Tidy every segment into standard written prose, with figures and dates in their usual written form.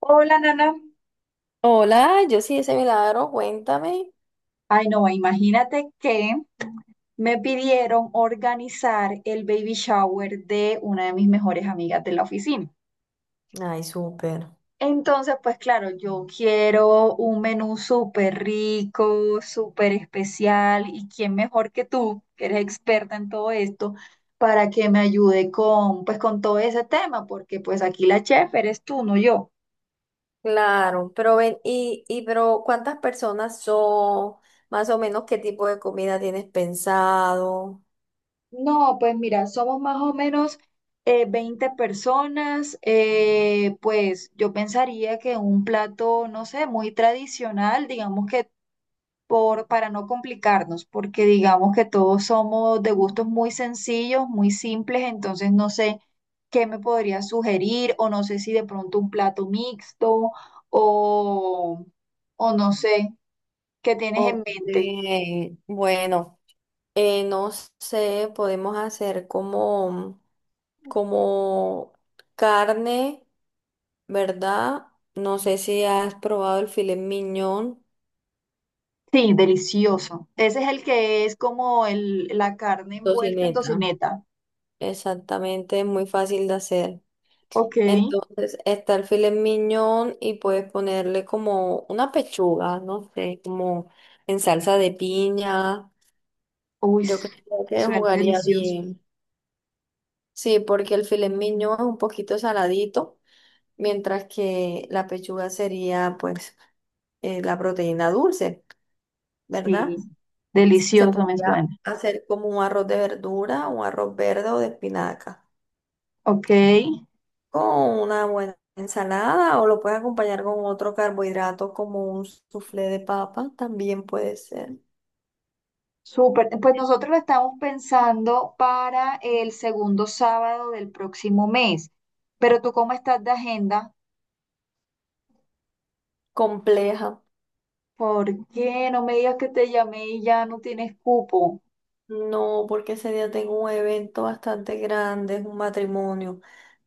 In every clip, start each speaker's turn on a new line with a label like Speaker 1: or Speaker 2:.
Speaker 1: Hola, Nana.
Speaker 2: Hola, yo sí, ese milagro, cuéntame.
Speaker 1: Ay, no, imagínate que me pidieron organizar el baby shower de una de mis mejores amigas de la oficina.
Speaker 2: Ay, súper.
Speaker 1: Entonces, pues claro, yo quiero un menú súper rico, súper especial, y quién mejor que tú, que eres experta en todo esto, para que me ayude con, pues, con todo ese tema, porque pues aquí la chef eres tú, no yo.
Speaker 2: Claro, pero ven, y pero ¿cuántas personas son? Más o menos, ¿qué tipo de comida tienes pensado?
Speaker 1: No, pues mira, somos más o menos 20 personas. Pues yo pensaría que un plato, no sé, muy tradicional, digamos que para no complicarnos, porque digamos que todos somos de gustos muy sencillos, muy simples, entonces no sé qué me podría sugerir o no sé si de pronto un plato mixto o, o no sé, ¿qué tienes en
Speaker 2: Ok,
Speaker 1: mente?
Speaker 2: bueno, no sé, podemos hacer como carne, ¿verdad? No sé si has probado el filet mignon,
Speaker 1: Sí, delicioso. Ese es el que es como la carne envuelta en
Speaker 2: tocineta.
Speaker 1: tocineta.
Speaker 2: Exactamente, es muy fácil de hacer.
Speaker 1: Ok.
Speaker 2: Entonces está el filet mignon y puedes ponerle como una pechuga, no sé, como en salsa de piña.
Speaker 1: Uy,
Speaker 2: Yo
Speaker 1: s-
Speaker 2: creo que
Speaker 1: Suena
Speaker 2: jugaría
Speaker 1: delicioso.
Speaker 2: bien. Sí, porque el filet mignon es un poquito saladito, mientras que la pechuga sería pues la proteína dulce, ¿verdad?
Speaker 1: Sí,
Speaker 2: Se
Speaker 1: delicioso me
Speaker 2: podría
Speaker 1: suena.
Speaker 2: hacer como un arroz de verdura, un arroz verde o de espinaca.
Speaker 1: Ok.
Speaker 2: Con una buena ensalada o lo puedes acompañar con otro carbohidrato como un soufflé de papa, también puede ser
Speaker 1: Súper. Pues nosotros lo estamos pensando para el segundo sábado del próximo mes. Pero tú, ¿cómo estás de agenda?
Speaker 2: compleja.
Speaker 1: ¿Por qué no me digas que te llamé y ya no tienes cupo?
Speaker 2: No, porque ese día tengo un evento bastante grande, es un matrimonio.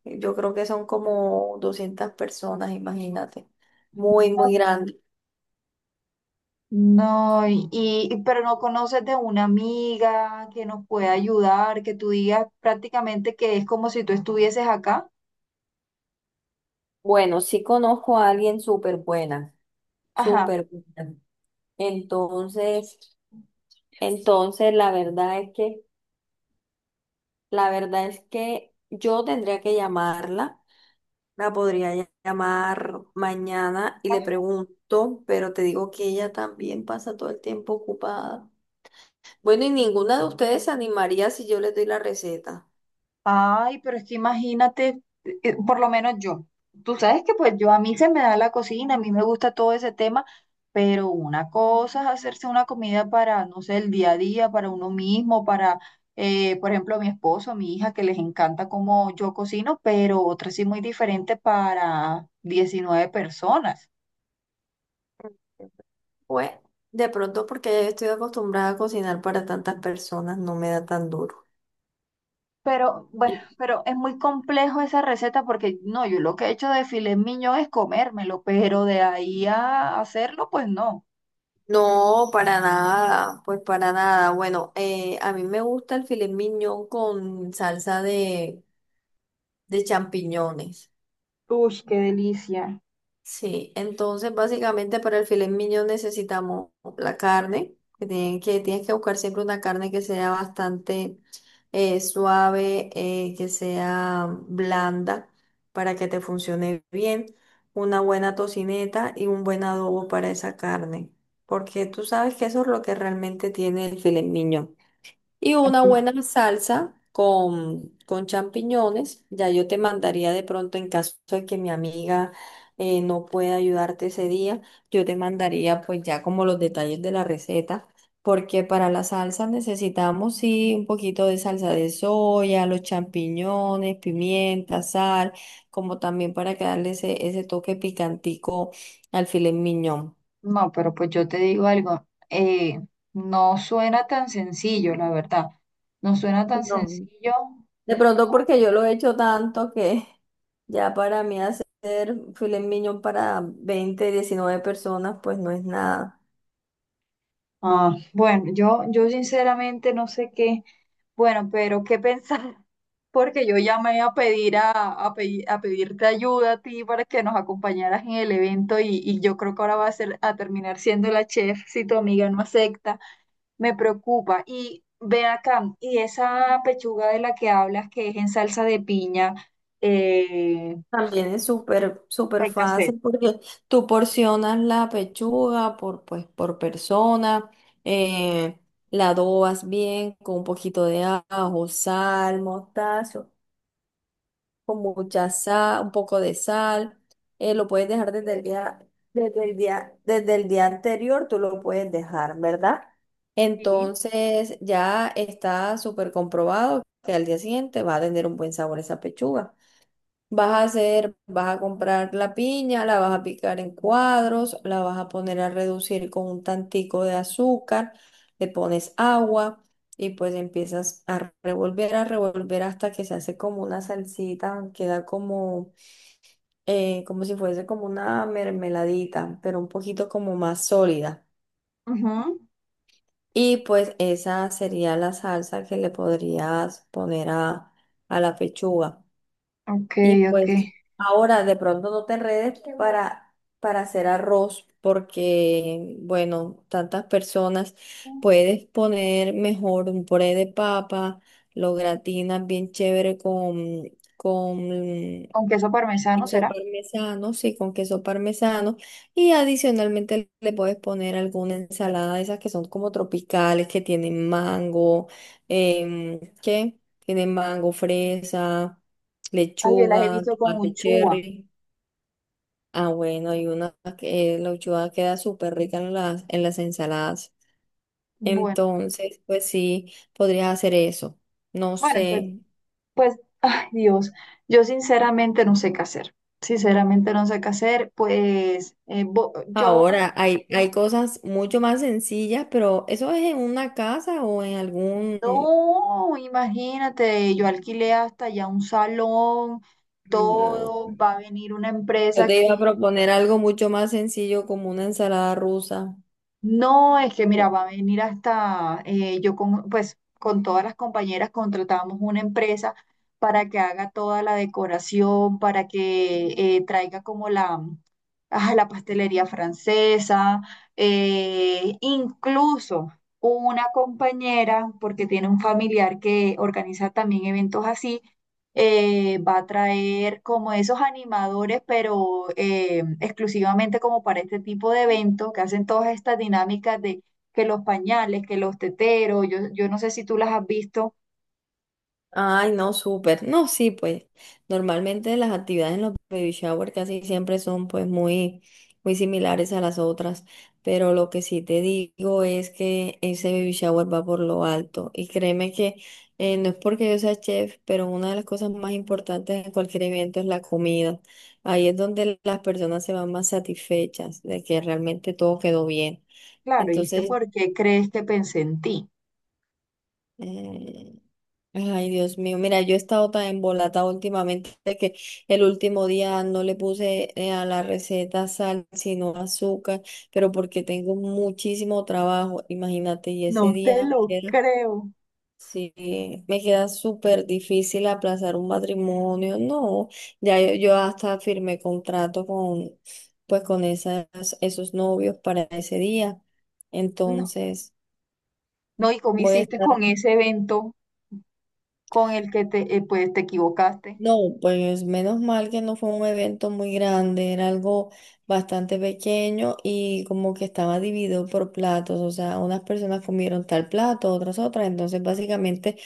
Speaker 2: Yo creo que son como 200 personas, imagínate. Muy, muy grande.
Speaker 1: No, pero no conoces de una amiga que nos pueda ayudar, que tú digas prácticamente que es como si tú estuvieses acá.
Speaker 2: Bueno, sí conozco a alguien súper buena,
Speaker 1: Ajá.
Speaker 2: súper buena. Entonces, entonces la verdad es que yo tendría que llamarla. La podría llamar mañana y le pregunto, pero te digo que ella también pasa todo el tiempo ocupada. Bueno, y ninguna de ustedes se animaría si yo les doy la receta.
Speaker 1: Ay, pero es que imagínate, por lo menos yo. Tú sabes que pues yo a mí se me da la cocina, a mí me gusta todo ese tema, pero una cosa es hacerse una comida para, no sé, el día a día, para uno mismo, para, por ejemplo, mi esposo, mi hija, que les encanta cómo yo cocino, pero otra sí muy diferente para 19 personas.
Speaker 2: Pues, de pronto porque ya yo estoy acostumbrada a cocinar para tantas personas, no me da tan duro.
Speaker 1: Pero bueno,
Speaker 2: Sí.
Speaker 1: pero es muy complejo esa receta porque no, yo lo que he hecho de filet mignon es comérmelo, pero de ahí a hacerlo, pues no.
Speaker 2: No, para nada, pues para nada. Bueno, a mí me gusta el filet mignon con salsa de champiñones.
Speaker 1: Uy, qué delicia.
Speaker 2: Sí, entonces básicamente para el filet mignon necesitamos la carne, que tienes que buscar siempre una carne que sea bastante suave, que sea blanda para que te funcione bien, una buena tocineta y un buen adobo para esa carne, porque tú sabes que eso es lo que realmente tiene el filet mignon. Y una
Speaker 1: Así.
Speaker 2: buena salsa con champiñones. Ya yo te mandaría de pronto en caso de que mi amiga no pueda ayudarte ese día, yo te mandaría pues ya como los detalles de la receta, porque para la salsa necesitamos sí un poquito de salsa de soya, los champiñones, pimienta, sal, como también para que darle ese toque picantico al filet miñón.
Speaker 1: No, pero pues yo te digo algo, no suena tan sencillo, la verdad. No suena tan
Speaker 2: No.
Speaker 1: sencillo.
Speaker 2: De pronto porque yo lo he hecho tanto que ya para mí hacer filet mignon para 20 19 personas pues no es nada.
Speaker 1: Ah, bueno, yo sinceramente no sé qué, bueno, pero qué pensar, porque yo llamé a pedir a pedirte ayuda a ti para que nos acompañaras en el evento y yo creo que ahora va a ser a terminar siendo la chef si tu amiga no acepta. Me preocupa. Y ven acá, y esa pechuga de la que hablas, que es en salsa de piña, eh,
Speaker 2: También es súper, súper
Speaker 1: hay que hacer.
Speaker 2: fácil porque tú porcionas la pechuga por, pues, por persona, eh, la adobas bien con un poquito de ajo, sal, mostazo. Con mucha sal, un poco de sal. Lo puedes dejar desde el día, desde el día anterior, tú lo puedes dejar, ¿verdad?
Speaker 1: Sí.
Speaker 2: Entonces ya está súper comprobado que al día siguiente va a tener un buen sabor esa pechuga. Vas a hacer, vas a comprar la piña, la vas a picar en cuadros, la vas a poner a reducir con un tantico de azúcar, le pones agua y pues empiezas a revolver hasta que se hace como una salsita, queda como, como si fuese como una mermeladita, pero un poquito como más sólida.
Speaker 1: Ujú.
Speaker 2: Y pues esa sería la salsa que le podrías poner a la pechuga.
Speaker 1: Ok,
Speaker 2: Y
Speaker 1: ok.
Speaker 2: pues ahora de pronto no te enredes para hacer arroz porque, bueno, tantas personas, puedes poner mejor un puré de papa, lo gratinas bien chévere con
Speaker 1: Con queso parmesano,
Speaker 2: queso
Speaker 1: ¿será?
Speaker 2: parmesano, sí, con queso parmesano. Y adicionalmente le puedes poner alguna ensalada de esas que son como tropicales, que tienen mango, em, ¿qué? Tienen mango, fresa,
Speaker 1: Ay, yo las he
Speaker 2: lechuga,
Speaker 1: visto con
Speaker 2: tomate
Speaker 1: uchúa.
Speaker 2: cherry. Ah, bueno, y una que la lechuga queda súper rica en las ensaladas.
Speaker 1: Bueno,
Speaker 2: Entonces, pues sí, podrías hacer eso. No
Speaker 1: bueno,
Speaker 2: sé.
Speaker 1: pues, ay, Dios, yo sinceramente no sé qué hacer. Sinceramente no sé qué hacer. Pues yo.
Speaker 2: Ahora hay cosas mucho más sencillas, pero ¿eso es en una casa o en algún...
Speaker 1: No, imagínate, yo alquilé hasta ya un salón,
Speaker 2: No.
Speaker 1: todo, va a venir una
Speaker 2: Yo
Speaker 1: empresa
Speaker 2: te
Speaker 1: que
Speaker 2: iba a proponer algo mucho más sencillo como una ensalada rusa.
Speaker 1: no, es que mira, va a venir hasta, yo con, pues con todas las compañeras contratamos una empresa para que haga toda la decoración, para que traiga como ah, la pastelería francesa, incluso una compañera, porque tiene un familiar que organiza también eventos así. Va a traer como esos animadores, pero exclusivamente como para este tipo de evento, que hacen todas estas dinámicas de que los pañales, que los teteros, yo no sé si tú las has visto.
Speaker 2: Ay, no, súper. No, sí, pues normalmente las actividades en los baby shower casi siempre son pues muy, muy similares a las otras, pero lo que sí te digo es que ese baby shower va por lo alto y créeme que no es porque yo sea chef, pero una de las cosas más importantes en cualquier evento es la comida. Ahí es donde las personas se van más satisfechas de que realmente todo quedó bien.
Speaker 1: Claro, y es que
Speaker 2: Entonces
Speaker 1: ¿por qué crees que pensé en ti?
Speaker 2: Mm. Ay, Dios mío, mira, yo he estado tan embolatada últimamente que el último día no le puse a la receta sal, sino azúcar, pero porque tengo muchísimo trabajo, imagínate, y ese
Speaker 1: No te
Speaker 2: día me
Speaker 1: lo
Speaker 2: queda,
Speaker 1: creo.
Speaker 2: sí, me queda súper difícil aplazar un matrimonio, no, ya yo hasta firmé contrato con, pues con esas, esos novios para ese día,
Speaker 1: No,
Speaker 2: entonces
Speaker 1: no, ¿y cómo
Speaker 2: voy a
Speaker 1: hiciste
Speaker 2: estar...
Speaker 1: con ese evento con el que te, pues, te equivocaste?
Speaker 2: No, pues menos mal que no fue un evento muy grande, era algo bastante pequeño y como que estaba dividido por platos, o sea, unas personas comieron tal plato, otras otras, entonces básicamente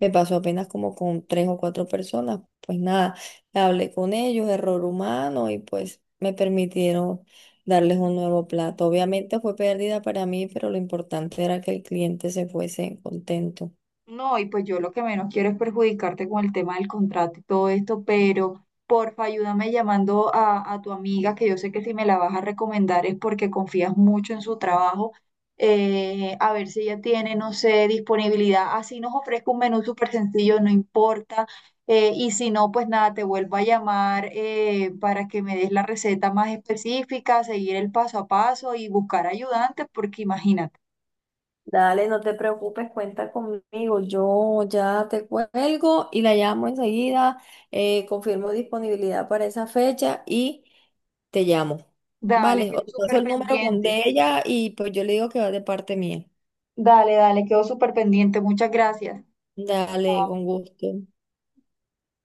Speaker 2: me pasó apenas como con tres o cuatro personas, pues nada, hablé con ellos, error humano y pues me permitieron darles un nuevo plato. Obviamente fue pérdida para mí, pero lo importante era que el cliente se fuese contento.
Speaker 1: No, y pues yo lo que menos quiero es perjudicarte con el tema del contrato y todo esto, pero porfa, ayúdame llamando a tu amiga, que yo sé que si me la vas a recomendar es porque confías mucho en su trabajo, a ver si ella tiene, no sé, disponibilidad. Así nos ofrezca un menú súper sencillo, no importa. Y si no, pues nada, te vuelvo a llamar para que me des la receta más específica, seguir el paso a paso y buscar ayudantes, porque imagínate,
Speaker 2: Dale, no te preocupes, cuenta conmigo. Yo ya te cuelgo y la llamo enseguida. Confirmo disponibilidad para esa fecha y te llamo.
Speaker 1: dale,
Speaker 2: Vale, o
Speaker 1: quedo
Speaker 2: te paso
Speaker 1: súper
Speaker 2: el número con
Speaker 1: pendiente.
Speaker 2: de ella y pues yo le digo que va de parte mía.
Speaker 1: Dale, dale, quedo súper pendiente. Muchas gracias.
Speaker 2: Dale,
Speaker 1: Chao.
Speaker 2: con gusto.